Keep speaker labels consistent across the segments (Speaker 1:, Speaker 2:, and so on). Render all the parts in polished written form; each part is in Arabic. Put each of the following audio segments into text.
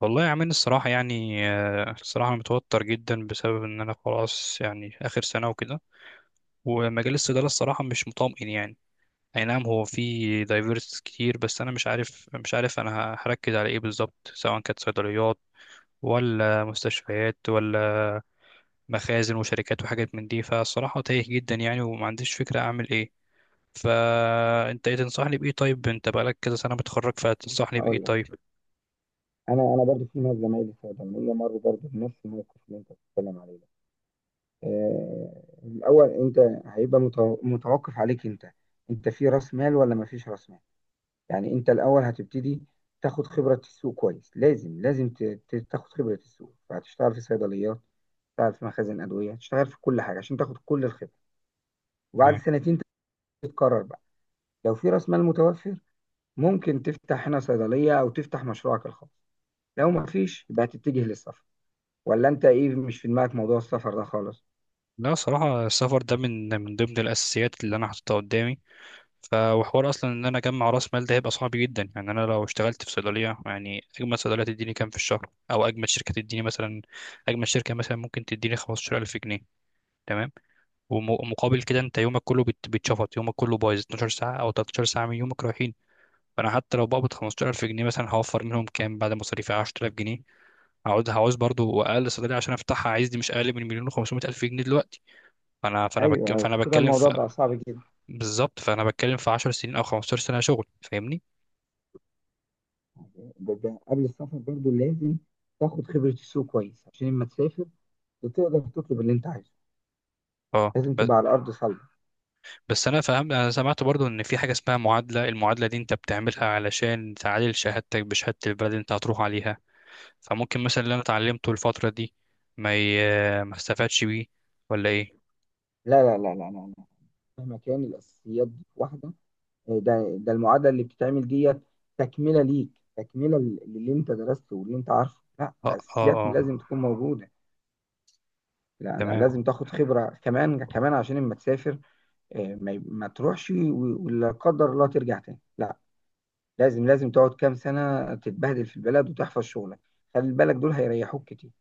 Speaker 1: والله يا عمين، الصراحة يعني الصراحة أنا متوتر جدا بسبب إن أنا خلاص يعني آخر سنة وكده. ومجال الصيدلة الصراحة مش مطمئن يعني. أي نعم، هو في دايفيرس كتير، بس أنا مش عارف أنا هركز على إيه بالظبط، سواء كانت صيدليات ولا مستشفيات ولا مخازن وشركات وحاجات من دي. فالصراحة تايه جدا يعني، ومعنديش فكرة أعمل إيه. فأنت إيه تنصحني بإيه؟ طيب، أنت بقالك كذا سنة متخرج، فتنصحني بإيه
Speaker 2: هقول لك.
Speaker 1: طيب؟
Speaker 2: انا برضو في ناس زمايلي في الجمعيه مروا برضو بنفس الموقف اللي انت بتتكلم عليه ده. الاول انت هيبقى متوقف عليك انت. انت في راس مال ولا ما فيش راس مال؟ يعني انت الاول هتبتدي تاخد خبره السوق كويس. لازم لازم تاخد خبره السوق، فهتشتغل في صيدليات، تشتغل في مخازن ادويه، تشتغل في كل حاجه عشان تاخد كل الخبره. وبعد سنتين تتقرر بقى. لو في راس مال متوفر ممكن تفتح هنا صيدليه او تفتح مشروعك الخاص. لو ما فيش يبقى هتتجه للسفر. ولا انت ايه، مش في دماغك موضوع السفر ده خالص؟
Speaker 1: لا صراحة، السفر ده من ضمن الأساسيات اللي أنا حاططها قدامي. وحوار أصلا إن أنا أجمع رأس مال ده هيبقى صعب جدا يعني، أنا لو اشتغلت في صيدلية، يعني أجمل صيدلية تديني كام في الشهر؟ أو أجمل شركة تديني مثلا، أجمل شركة مثلا ممكن تديني 15000 جنيه. تمام. ومقابل كده أنت يومك كله بيتشفط، يومك كله بايظ، 12 ساعة أو 13 ساعة من يومك رايحين. فأنا حتى لو بقبض 15000 جنيه مثلا، هوفر منهم كام بعد مصاريفي؟ 10000 جنيه. هقعد هعوز برضو، أقل صيدلية عشان أفتحها عايز، دي مش أقل من مليون و500 ألف جنيه دلوقتي. فانا فانا
Speaker 2: ايوه
Speaker 1: بك... فانا
Speaker 2: ايوه، كده
Speaker 1: بتكلم
Speaker 2: الموضوع
Speaker 1: في...
Speaker 2: بقى صعب جدا.
Speaker 1: بالظبط، فانا بتكلم في 10 سنين او 15 سنه شغل، فاهمني.
Speaker 2: ده قبل السفر برضو لازم تاخد خبره السوق كويس عشان لما تسافر تقدر تطلب اللي انت عايزه.
Speaker 1: اه،
Speaker 2: لازم
Speaker 1: بس.
Speaker 2: تبقى على ارض صلبه.
Speaker 1: بس انا فاهم، انا سمعت برضو ان في حاجه اسمها معادله، المعادله دي انت بتعملها علشان تعادل شهادتك بشهاده البلد اللي انت هتروح عليها. فممكن مثلا اللي انا اتعلمته الفتره دي، ما ي... ما استفادش بيه، ولا ايه؟
Speaker 2: لا لا لا لا لا, لا. مهما كان الاساسيات دي واحده. ده المعادله اللي بتتعمل ديت تكمله ليك، تكمله للي انت درسته واللي انت عارفه. لا
Speaker 1: اه، اه،
Speaker 2: الاساسيات
Speaker 1: اه.
Speaker 2: لازم تكون موجوده. لا لا، لازم
Speaker 1: تمام.
Speaker 2: تاخد خبره كمان كمان عشان لما تسافر. ما تروحش ولا قدر الله ترجع تاني، لا. لازم لازم تقعد كام سنة تتبهدل في البلد وتحفظ شغلك. خلي بالك دول هيريحوك كتير.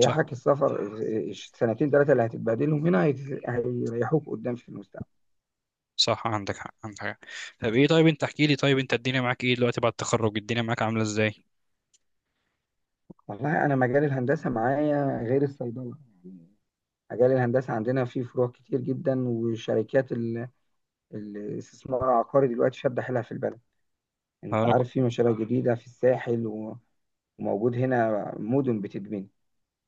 Speaker 1: صح،
Speaker 2: السفر، السنتين ثلاثة اللي هتتبهدلهم هنا هيريحوك قدام في المستقبل.
Speaker 1: صح، عندك حق، عندك حق. طب ايه؟ طيب انت احكي لي طيب، انت الدنيا معاك ايه دلوقتي بعد التخرج؟ الدنيا معاك عامله ازاي؟
Speaker 2: والله أنا مجال الهندسة معايا غير الصيدلة يعني. مجال الهندسة عندنا فيه فروع كتير جدا، وشركات الاستثمار العقاري دلوقتي شادة حيلها في البلد. أنت
Speaker 1: انا
Speaker 2: عارف
Speaker 1: ك-
Speaker 2: في مشاريع جديدة في الساحل وموجود هنا مدن بتتبني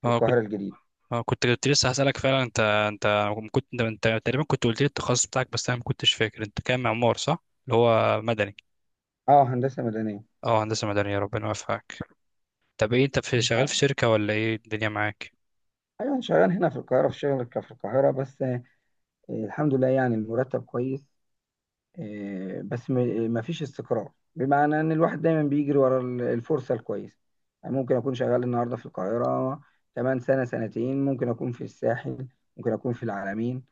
Speaker 2: في
Speaker 1: اه، اه،
Speaker 2: القاهرة الجديدة.
Speaker 1: كنت لسه هسألك فعلا، انت تقريبا كنت قلت لي التخصص بتاعك، بس انا ما كنتش فاكر انت كام، معمار صح، اللي هو مدني.
Speaker 2: أه، هندسة مدنية.
Speaker 1: اه، هندسة مدنية، ربنا يوفقك. طب ايه؟ انت في شغال في شركة ولا ايه الدنيا معاك؟
Speaker 2: أيوة أنا شغال هنا في القاهرة، في شركة في القاهرة بس. الحمد لله يعني المرتب كويس. بس مفيش استقرار، بمعنى إن الواحد دايما بيجري ورا الفرصة الكويسة. يعني ممكن أكون شغال النهاردة في القاهرة، كمان سنة سنتين ممكن أكون في الساحل، ممكن أكون في العلمين.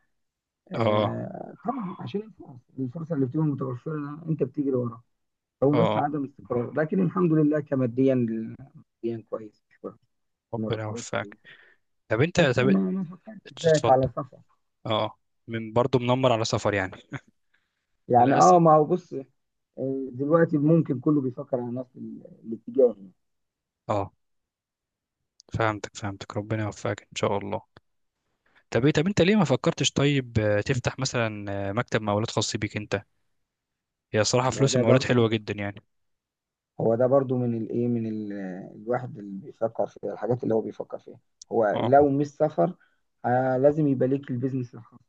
Speaker 1: اه، اه،
Speaker 2: طبعا عشان الفرصة اللي بتبقى متوفرة أنت بتجري وراها. هو
Speaker 1: اه،
Speaker 2: بس عدم استقرار، لكن الحمد لله ماديا كويس،
Speaker 1: ربنا
Speaker 2: مرتبات
Speaker 1: يوفقك.
Speaker 2: كويسة.
Speaker 1: طب انت
Speaker 2: بس
Speaker 1: طب
Speaker 2: ما فكرتش زيك على
Speaker 1: اتفضل.
Speaker 2: سفر.
Speaker 1: اه، من برضه منمر على سفر يعني،
Speaker 2: يعني
Speaker 1: للأسف.
Speaker 2: اه، ما هو بص. دلوقتي ممكن كله بيفكر على نفس الاتجاه يعني.
Speaker 1: اه، فهمتك، ربنا يوفقك ان شاء الله. طب، انت ليه ما فكرتش طيب تفتح مثلا مكتب مقاولات خاص بيك انت؟ هي صراحة،
Speaker 2: هو
Speaker 1: فلوس
Speaker 2: ده
Speaker 1: المقاولات
Speaker 2: برضه،
Speaker 1: حلوة جدا يعني.
Speaker 2: هو ده برضه من الايه، من الواحد اللي بيفكر في الحاجات اللي هو بيفكر فيها. هو
Speaker 1: اه،
Speaker 2: لو مش سفر آه لازم يبقى ليك البيزنس الخاص.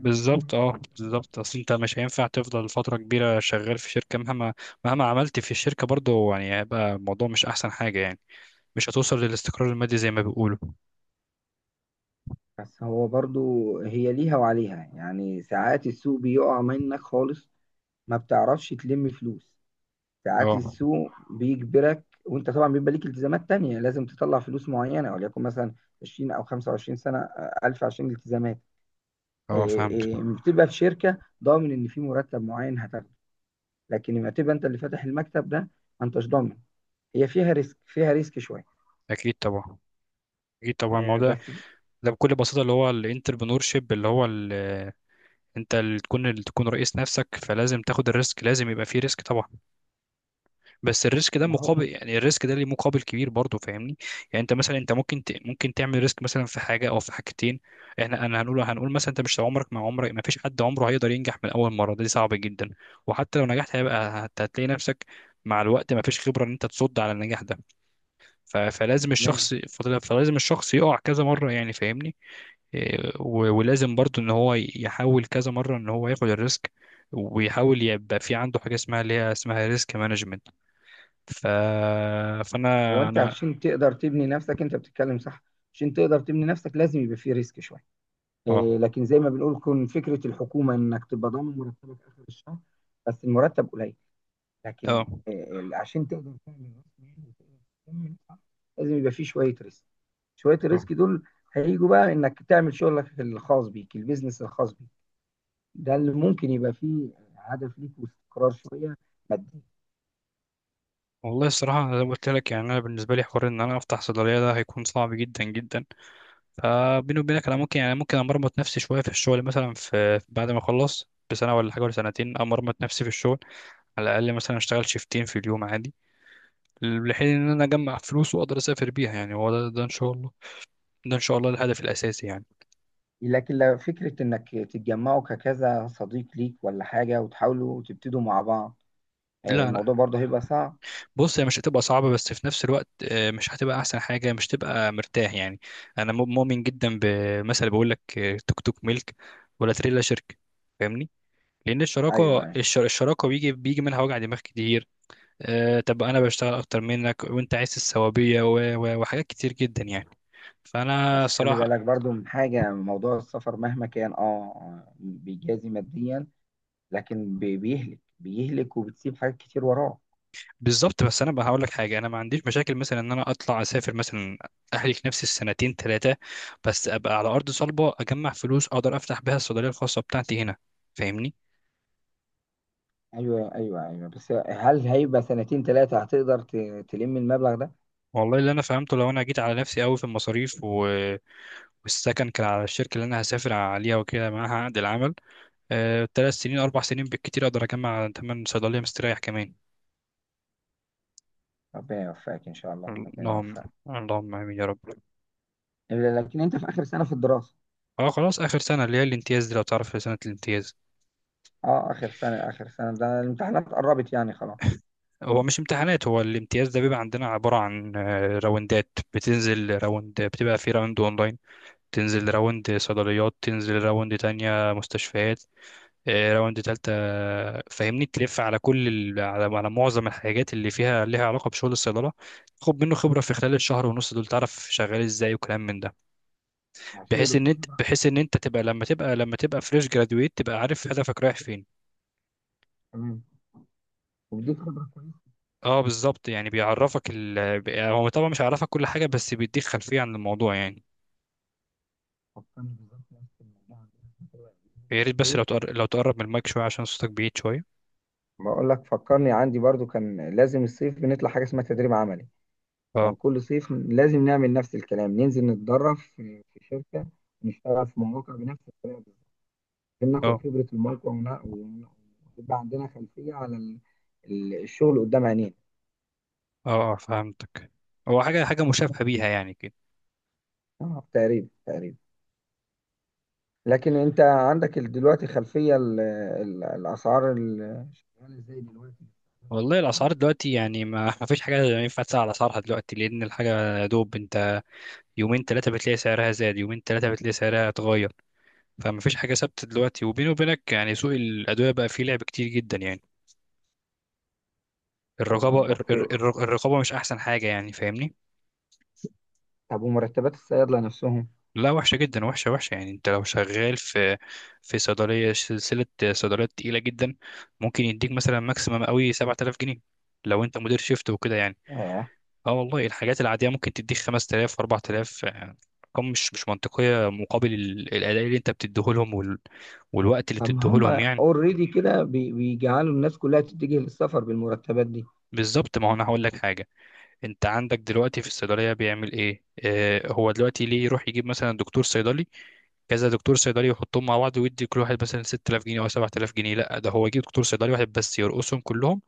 Speaker 1: بالظبط، اه، بالظبط، اصل انت مش هينفع تفضل فتره كبيره شغال في شركه، مهما عملت في الشركه برضه يعني، هيبقى الموضوع مش احسن حاجه يعني. مش هتوصل للاستقرار المادي زي ما بيقولوا.
Speaker 2: بس هو برضه هي ليها وعليها يعني. ساعات السوق بيقع منك خالص، ما بتعرفش تلم فلوس. ساعات
Speaker 1: اه،
Speaker 2: السوق بيجبرك، وانت طبعا بيبقى ليك التزامات تانية لازم تطلع فلوس معينة، وليكن مثلا 20 او 25 سنة ألف عشان الالتزامات.
Speaker 1: اه، فهمت.
Speaker 2: إيه، بتبقى في شركة ضامن ان في مرتب معين هتاخده. لكن لما تبقى انت اللي فاتح المكتب ده ما انتش ضامن. هي فيها ريسك، فيها ريسك شوية.
Speaker 1: اكيد طبعا اكيد طبعا،
Speaker 2: إيه
Speaker 1: الموضوع
Speaker 2: بس
Speaker 1: ده بكل بساطه اللي هو الانتربرنور شيب، انت اللي تكون رئيس نفسك، فلازم تاخد الريسك، لازم يبقى فيه ريسك طبعا. بس الريسك ده
Speaker 2: ما هو
Speaker 1: مقابل، يعني الريسك ده ليه مقابل كبير برضه، فاهمني. يعني انت مثلا، ممكن تعمل ريسك مثلا في حاجه او في حاجتين. انا هنقول مثلا، انت مش عمرك ما فيش حد عمره هيقدر ينجح من اول مره، ده صعب جدا. وحتى لو نجحت هيبقى هتلاقي نفسك، مع الوقت ما فيش خبره ان انت تصد على النجاح ده.
Speaker 2: تمام.
Speaker 1: فلازم الشخص يقع كذا مره يعني، فاهمني. إيه، ولازم برضه ان هو يحاول كذا مره ان هو ياخد الريسك، ويحاول يبقى في عنده حاجه اسمها اللي هي اسمها ريسك مانجمنت. ف...
Speaker 2: هو
Speaker 1: فانا
Speaker 2: انت
Speaker 1: انا
Speaker 2: عشان تقدر تبني نفسك انت بتتكلم صح. عشان تقدر تبني نفسك لازم يبقى فيه ريسك شوية.
Speaker 1: اه،
Speaker 2: لكن زي ما بنقول كون فكره الحكومه انك تبقى ضامن مرتبك اخر الشهر، بس المرتب قليل. لكن
Speaker 1: اه،
Speaker 2: عشان تقدر تعمل راس مال وتقدر تكمل صح، لازم يبقى فيه شويه ريسك. شويه
Speaker 1: اه.
Speaker 2: الريسك دول هيجوا بقى انك تعمل شغلك الخاص بيك، البيزنس الخاص بيك. ده اللي ممكن يبقى فيه هدف ليك واستقرار شويه مادي.
Speaker 1: والله الصراحة زي ما قلت لك يعني، أنا بالنسبة لي حوار إن أنا أفتح صيدلية ده هيكون صعب جدا جدا. فبيني وبينك، أنا ممكن أمرمط نفسي شوية في الشغل، مثلا في بعد ما أخلص بسنة ولا حاجة ولا سنتين أمرمط نفسي في الشغل، على الأقل مثلا أشتغل شيفتين في اليوم عادي، لحين إن أنا أجمع فلوس وأقدر أسافر بيها يعني. هو ده إن شاء الله، ده إن شاء الله الهدف الأساسي يعني.
Speaker 2: لكن لو فكره انك تتجمعوا ككذا صديق ليك ولا حاجه وتحاولوا تبتدوا مع بعض، الموضوع
Speaker 1: لا،
Speaker 2: برضه هيبقى صعب.
Speaker 1: بص، هي مش هتبقى صعبة، بس في نفس الوقت مش هتبقى أحسن حاجة، مش تبقى مرتاح يعني. أنا مؤمن جدا بمثل بيقول لك توك توك ملك ولا تريلا شركة. فاهمني؟ لأن
Speaker 2: ايوه
Speaker 1: الشراكة بيجي منها وجع دماغ كتير. طب أنا بشتغل أكتر منك، وأنت عايز السوابية وحاجات كتير جدا يعني. فأنا
Speaker 2: بس خلي
Speaker 1: صراحة.
Speaker 2: بالك برضو من حاجة، موضوع السفر مهما كان اه بيجازي ماديا لكن بيهلك بيهلك وبتسيب حاجات كتير وراه.
Speaker 1: بالظبط، بس انا بقى هقول لك حاجه، انا ما عنديش مشاكل مثلا ان انا اطلع اسافر مثلا، اهلك نفسي السنتين ثلاثه، بس ابقى على ارض صلبه، اجمع فلوس، اقدر افتح بيها الصيدليه الخاصه بتاعتي هنا، فاهمني.
Speaker 2: ايوه ايوه ايوه. بس هل هيبقى سنتين ثلاثة هتقدر تلم المبلغ ده؟
Speaker 1: والله اللي انا فهمته، لو انا جيت على نفسي قوي في المصاريف، والسكن كان على الشركه اللي انا هسافر عليها وكده معاها عقد العمل، ثلاث سنين اربع سنين بالكتير اقدر اجمع ثمن صيدليه مستريح كمان.
Speaker 2: ربنا يوفقك ان شاء الله، ربنا
Speaker 1: اللهم.
Speaker 2: يوفقك.
Speaker 1: اللهم امين يا رب.
Speaker 2: إلا لكن انت في اخر سنة في الدراسة.
Speaker 1: اه، خلاص، اخر سنه اللي هي الامتياز دي لو تعرف، سنه الامتياز.
Speaker 2: اه اخر سنة اخر سنة، ده الامتحانات قربت يعني خلاص.
Speaker 1: هو مش امتحانات، هو الامتياز ده بيبقى عندنا عبارة عن راوندات، بتنزل راوند، بتبقى في راوند اونلاين، تنزل راوند صيدليات، تنزل راوند تانية مستشفيات، راوند تالتة فاهمني، تلف على على معظم الحاجات اللي فيها ليها علاقة بشغل الصيدلة. خد منه خبرة في خلال الشهر ونص دول، تعرف شغال ازاي وكلام من ده.
Speaker 2: عشان
Speaker 1: بحيث
Speaker 2: يبقى
Speaker 1: ان
Speaker 2: في
Speaker 1: انت
Speaker 2: خبرة.
Speaker 1: بحيث ان انت تبقى، لما تبقى فريش جرادويت، تبقى عارف هدفك رايح فين.
Speaker 2: تمام، وبديك خبرة كويسة.
Speaker 1: اه، بالظبط، يعني بيعرفك هو طبعا مش هيعرفك كل حاجة، بس بيديك خلفية عن الموضوع يعني.
Speaker 2: فكرني بالظبط نفس الموضوع عندنا في
Speaker 1: يا ريت بس
Speaker 2: الكلية.
Speaker 1: لو تقرب من المايك شوية، عشان صوتك بعيد شوية.
Speaker 2: بقول لك فكرني عندي برضو كان لازم الصيف بنطلع حاجة اسمها تدريب عملي. كان
Speaker 1: اه،
Speaker 2: كل صيف لازم نعمل نفس الكلام، ننزل نتدرب في شركة، نشتغل في مواقع بنفس الطريقة بالظبط عشان ناخد
Speaker 1: اه،
Speaker 2: خبرة الموقع ويبقى عندنا خلفية على الشغل قدام عينينا.
Speaker 1: اه، فهمتك. هو حاجة مشابهة بيها يعني كده.
Speaker 2: اه تقريبا تقريبا. لكن انت عندك دلوقتي خلفية الأسعار عاملة ازاي دلوقتي؟
Speaker 1: والله الأسعار دلوقتي يعني، ما ما فيش حاجة ينفع تسأل على أسعارها دلوقتي، لأن الحاجة يا دوب أنت يومين تلاتة بتلاقي سعرها زاد، يومين تلاتة بتلاقي سعرها اتغير. فما فيش حاجة ثابتة دلوقتي، وبيني وبينك يعني سوق الأدوية بقى فيه لعب كتير جدا يعني.
Speaker 2: ايوه
Speaker 1: الرقابة الر- الر-
Speaker 2: بس.
Speaker 1: الر- الرقابة مش أحسن حاجة يعني، فاهمني.
Speaker 2: طب ومرتبات الصيادلة نفسهم؟
Speaker 1: لا، وحشة جدا، وحشة وحشة يعني، انت لو شغال في صيدلية سلسلة، صيدليات تقيلة جدا، ممكن يديك مثلا ماكسيمم قوي 7000 جنيه لو انت مدير شيفت وكده يعني.
Speaker 2: آه،
Speaker 1: اه والله، الحاجات العادية ممكن تديك 5000 و4000، ارقام مش منطقية مقابل الأداء اللي انت بتديهولهم، والوقت اللي
Speaker 2: طب ما هم
Speaker 1: بتديهولهم يعني.
Speaker 2: اوريدي كده بيجعلوا الناس كلها تتجه للسفر بالمرتبات دي.
Speaker 1: بالظبط، ما هو انا هقول لك حاجة، انت عندك دلوقتي في الصيدلية بيعمل ايه؟ اه، هو دلوقتي ليه يروح يجيب مثلا دكتور صيدلي، كذا دكتور صيدلي، يحطهم مع بعض ويدي كل واحد مثلا 6000 جنيه او 7000 جنيه؟ لا، ده هو يجيب دكتور صيدلي واحد بس، يرقصهم كلهم،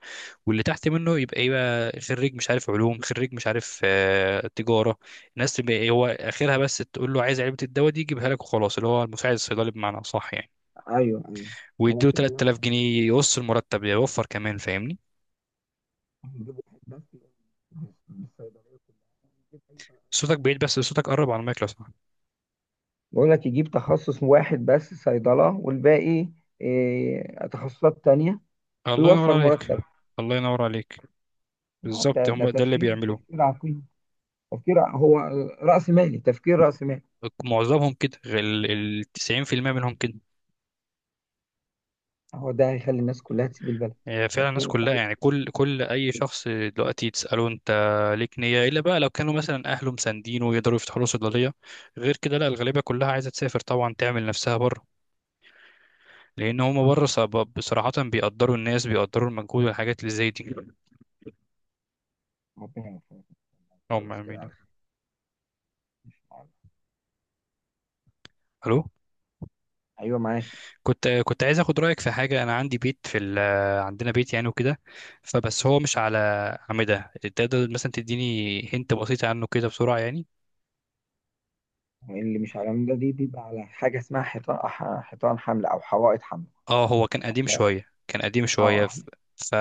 Speaker 1: واللي تحت منه يبقى خريج مش عارف علوم، خريج مش عارف تجاره، الناس تبقى إيه، هو اخرها بس تقول له عايز علبه الدواء دي يجيبها لك وخلاص، اللي هو المساعد الصيدلي بمعنى اصح يعني.
Speaker 2: ايوه ايوه. هو
Speaker 1: ويديله
Speaker 2: كده
Speaker 1: 3000
Speaker 2: واضحة.
Speaker 1: جنيه يقص المرتب ده، يوفر كمان، فاهمني.
Speaker 2: نجيب واحد بس من الصيدلية كلها، نجيب أي
Speaker 1: صوتك
Speaker 2: بقى-
Speaker 1: بعيد، بس صوتك قرب على المايك لو سمحت.
Speaker 2: بقول لك يجيب تخصص واحد بس صيدلة والباقي إيه، تخصصات تانية،
Speaker 1: الله ينور
Speaker 2: ويوفر
Speaker 1: عليك.
Speaker 2: مرتب.
Speaker 1: الله ينور عليك.
Speaker 2: لا،
Speaker 1: بالظبط،
Speaker 2: ده
Speaker 1: هم ده اللي
Speaker 2: تفكير
Speaker 1: بيعملوه،
Speaker 2: تفكير عقيم. هو رأس مالي، تفكير رأس مالي.
Speaker 1: معظمهم كده، 90% منهم كده.
Speaker 2: هو ده هيخلي الناس كلها تسيب البلد.
Speaker 1: هي فعلا الناس
Speaker 2: هتخلي-
Speaker 1: كلها
Speaker 2: خلي-
Speaker 1: يعني، كل اي شخص دلوقتي تساله انت، ليك نيه الا بقى لو كانوا مثلا اهله مساندينه ويقدروا يفتحوا له صيدليه، غير كده لا، الغالبيه كلها عايزه تسافر طبعا، تعمل نفسها بره، لان هم بره بصراحه بيقدروا المجهود والحاجات اللي زي دي.
Speaker 2: ربنا يوفقك.
Speaker 1: هم،
Speaker 2: خلاص كده
Speaker 1: امين.
Speaker 2: على خير. إن شاء الله.
Speaker 1: الو.
Speaker 2: ايوه معاك.
Speaker 1: كنت عايز اخد رايك في حاجه، انا عندي بيت في عندنا بيت يعني وكده، فبس هو مش على عمده، تقدر مثلا تديني هنت بسيطه عنه كده بسرعه يعني؟
Speaker 2: اللي مش على العمودة دي بيبقى على حاجة اسمها حيطان حيطان حمل أو حوائط حمل.
Speaker 1: اه، هو كان قديم
Speaker 2: احنا
Speaker 1: شوية كان قديم
Speaker 2: اه
Speaker 1: شوية
Speaker 2: احنا
Speaker 1: ف...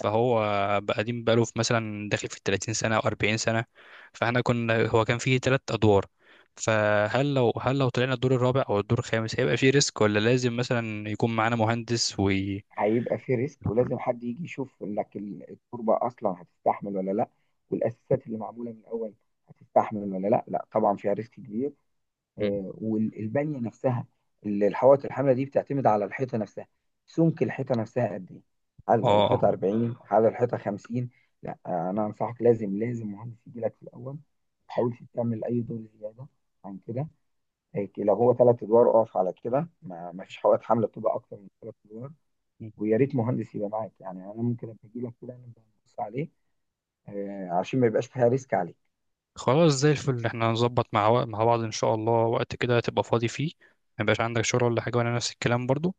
Speaker 1: فهو بقى قديم بقاله في مثلا، داخل في 30 سنة أو 40 سنة، فاحنا كنا، هو كان فيه ثلاث أدوار، فهل لو طلعنا الدور الرابع أو الدور الخامس، هيبقى فيه ريسك؟ ولا لازم مثلا يكون معانا مهندس وي...
Speaker 2: هيبقى في ريسك، ولازم حد يجي يشوف لك التربة أصلا هتستحمل ولا لأ، والأساسات اللي معمولة من الأول هتستحمل ولا لأ. لأ طبعا فيها ريسك كبير.
Speaker 1: مم.
Speaker 2: والبنية نفسها اللي الحوائط الحاملة دي بتعتمد على الحيطة نفسها. سمك الحيطة نفسها قد إيه؟
Speaker 1: اه.
Speaker 2: هل
Speaker 1: آه.
Speaker 2: الحيطة 40؟ هل الحيطة 50؟ لأ أنا أنصحك لازم لازم مهندس يجي لك في الأول، ما تحاولش تعمل أي دور زيادة عن كده. هيك لو هو ثلاث ادوار اقف على كده، ما فيش حوائط حمل بتبقى اكتر من ثلاث ادوار.
Speaker 1: مم.
Speaker 2: ويا ريت مهندس يبقى معاك يعني، انا ممكن ابقى اجي لك كده نبقى نبص عليه. عشان ما يبقاش فيها ريسك عليك.
Speaker 1: خلاص، زي الفل، احنا هنظبط مع مع بعض إن شاء الله، وقت كده تبقى فاضي فيه، ما يبقاش عندك شغل ولا حاجة، وأنا نفس الكلام برضو،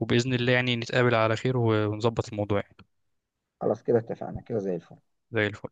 Speaker 1: وبإذن الله يعني نتقابل على خير ونظبط الموضوع يعني.
Speaker 2: خلاص كده اتفقنا كده زي الفل.
Speaker 1: زي الفل.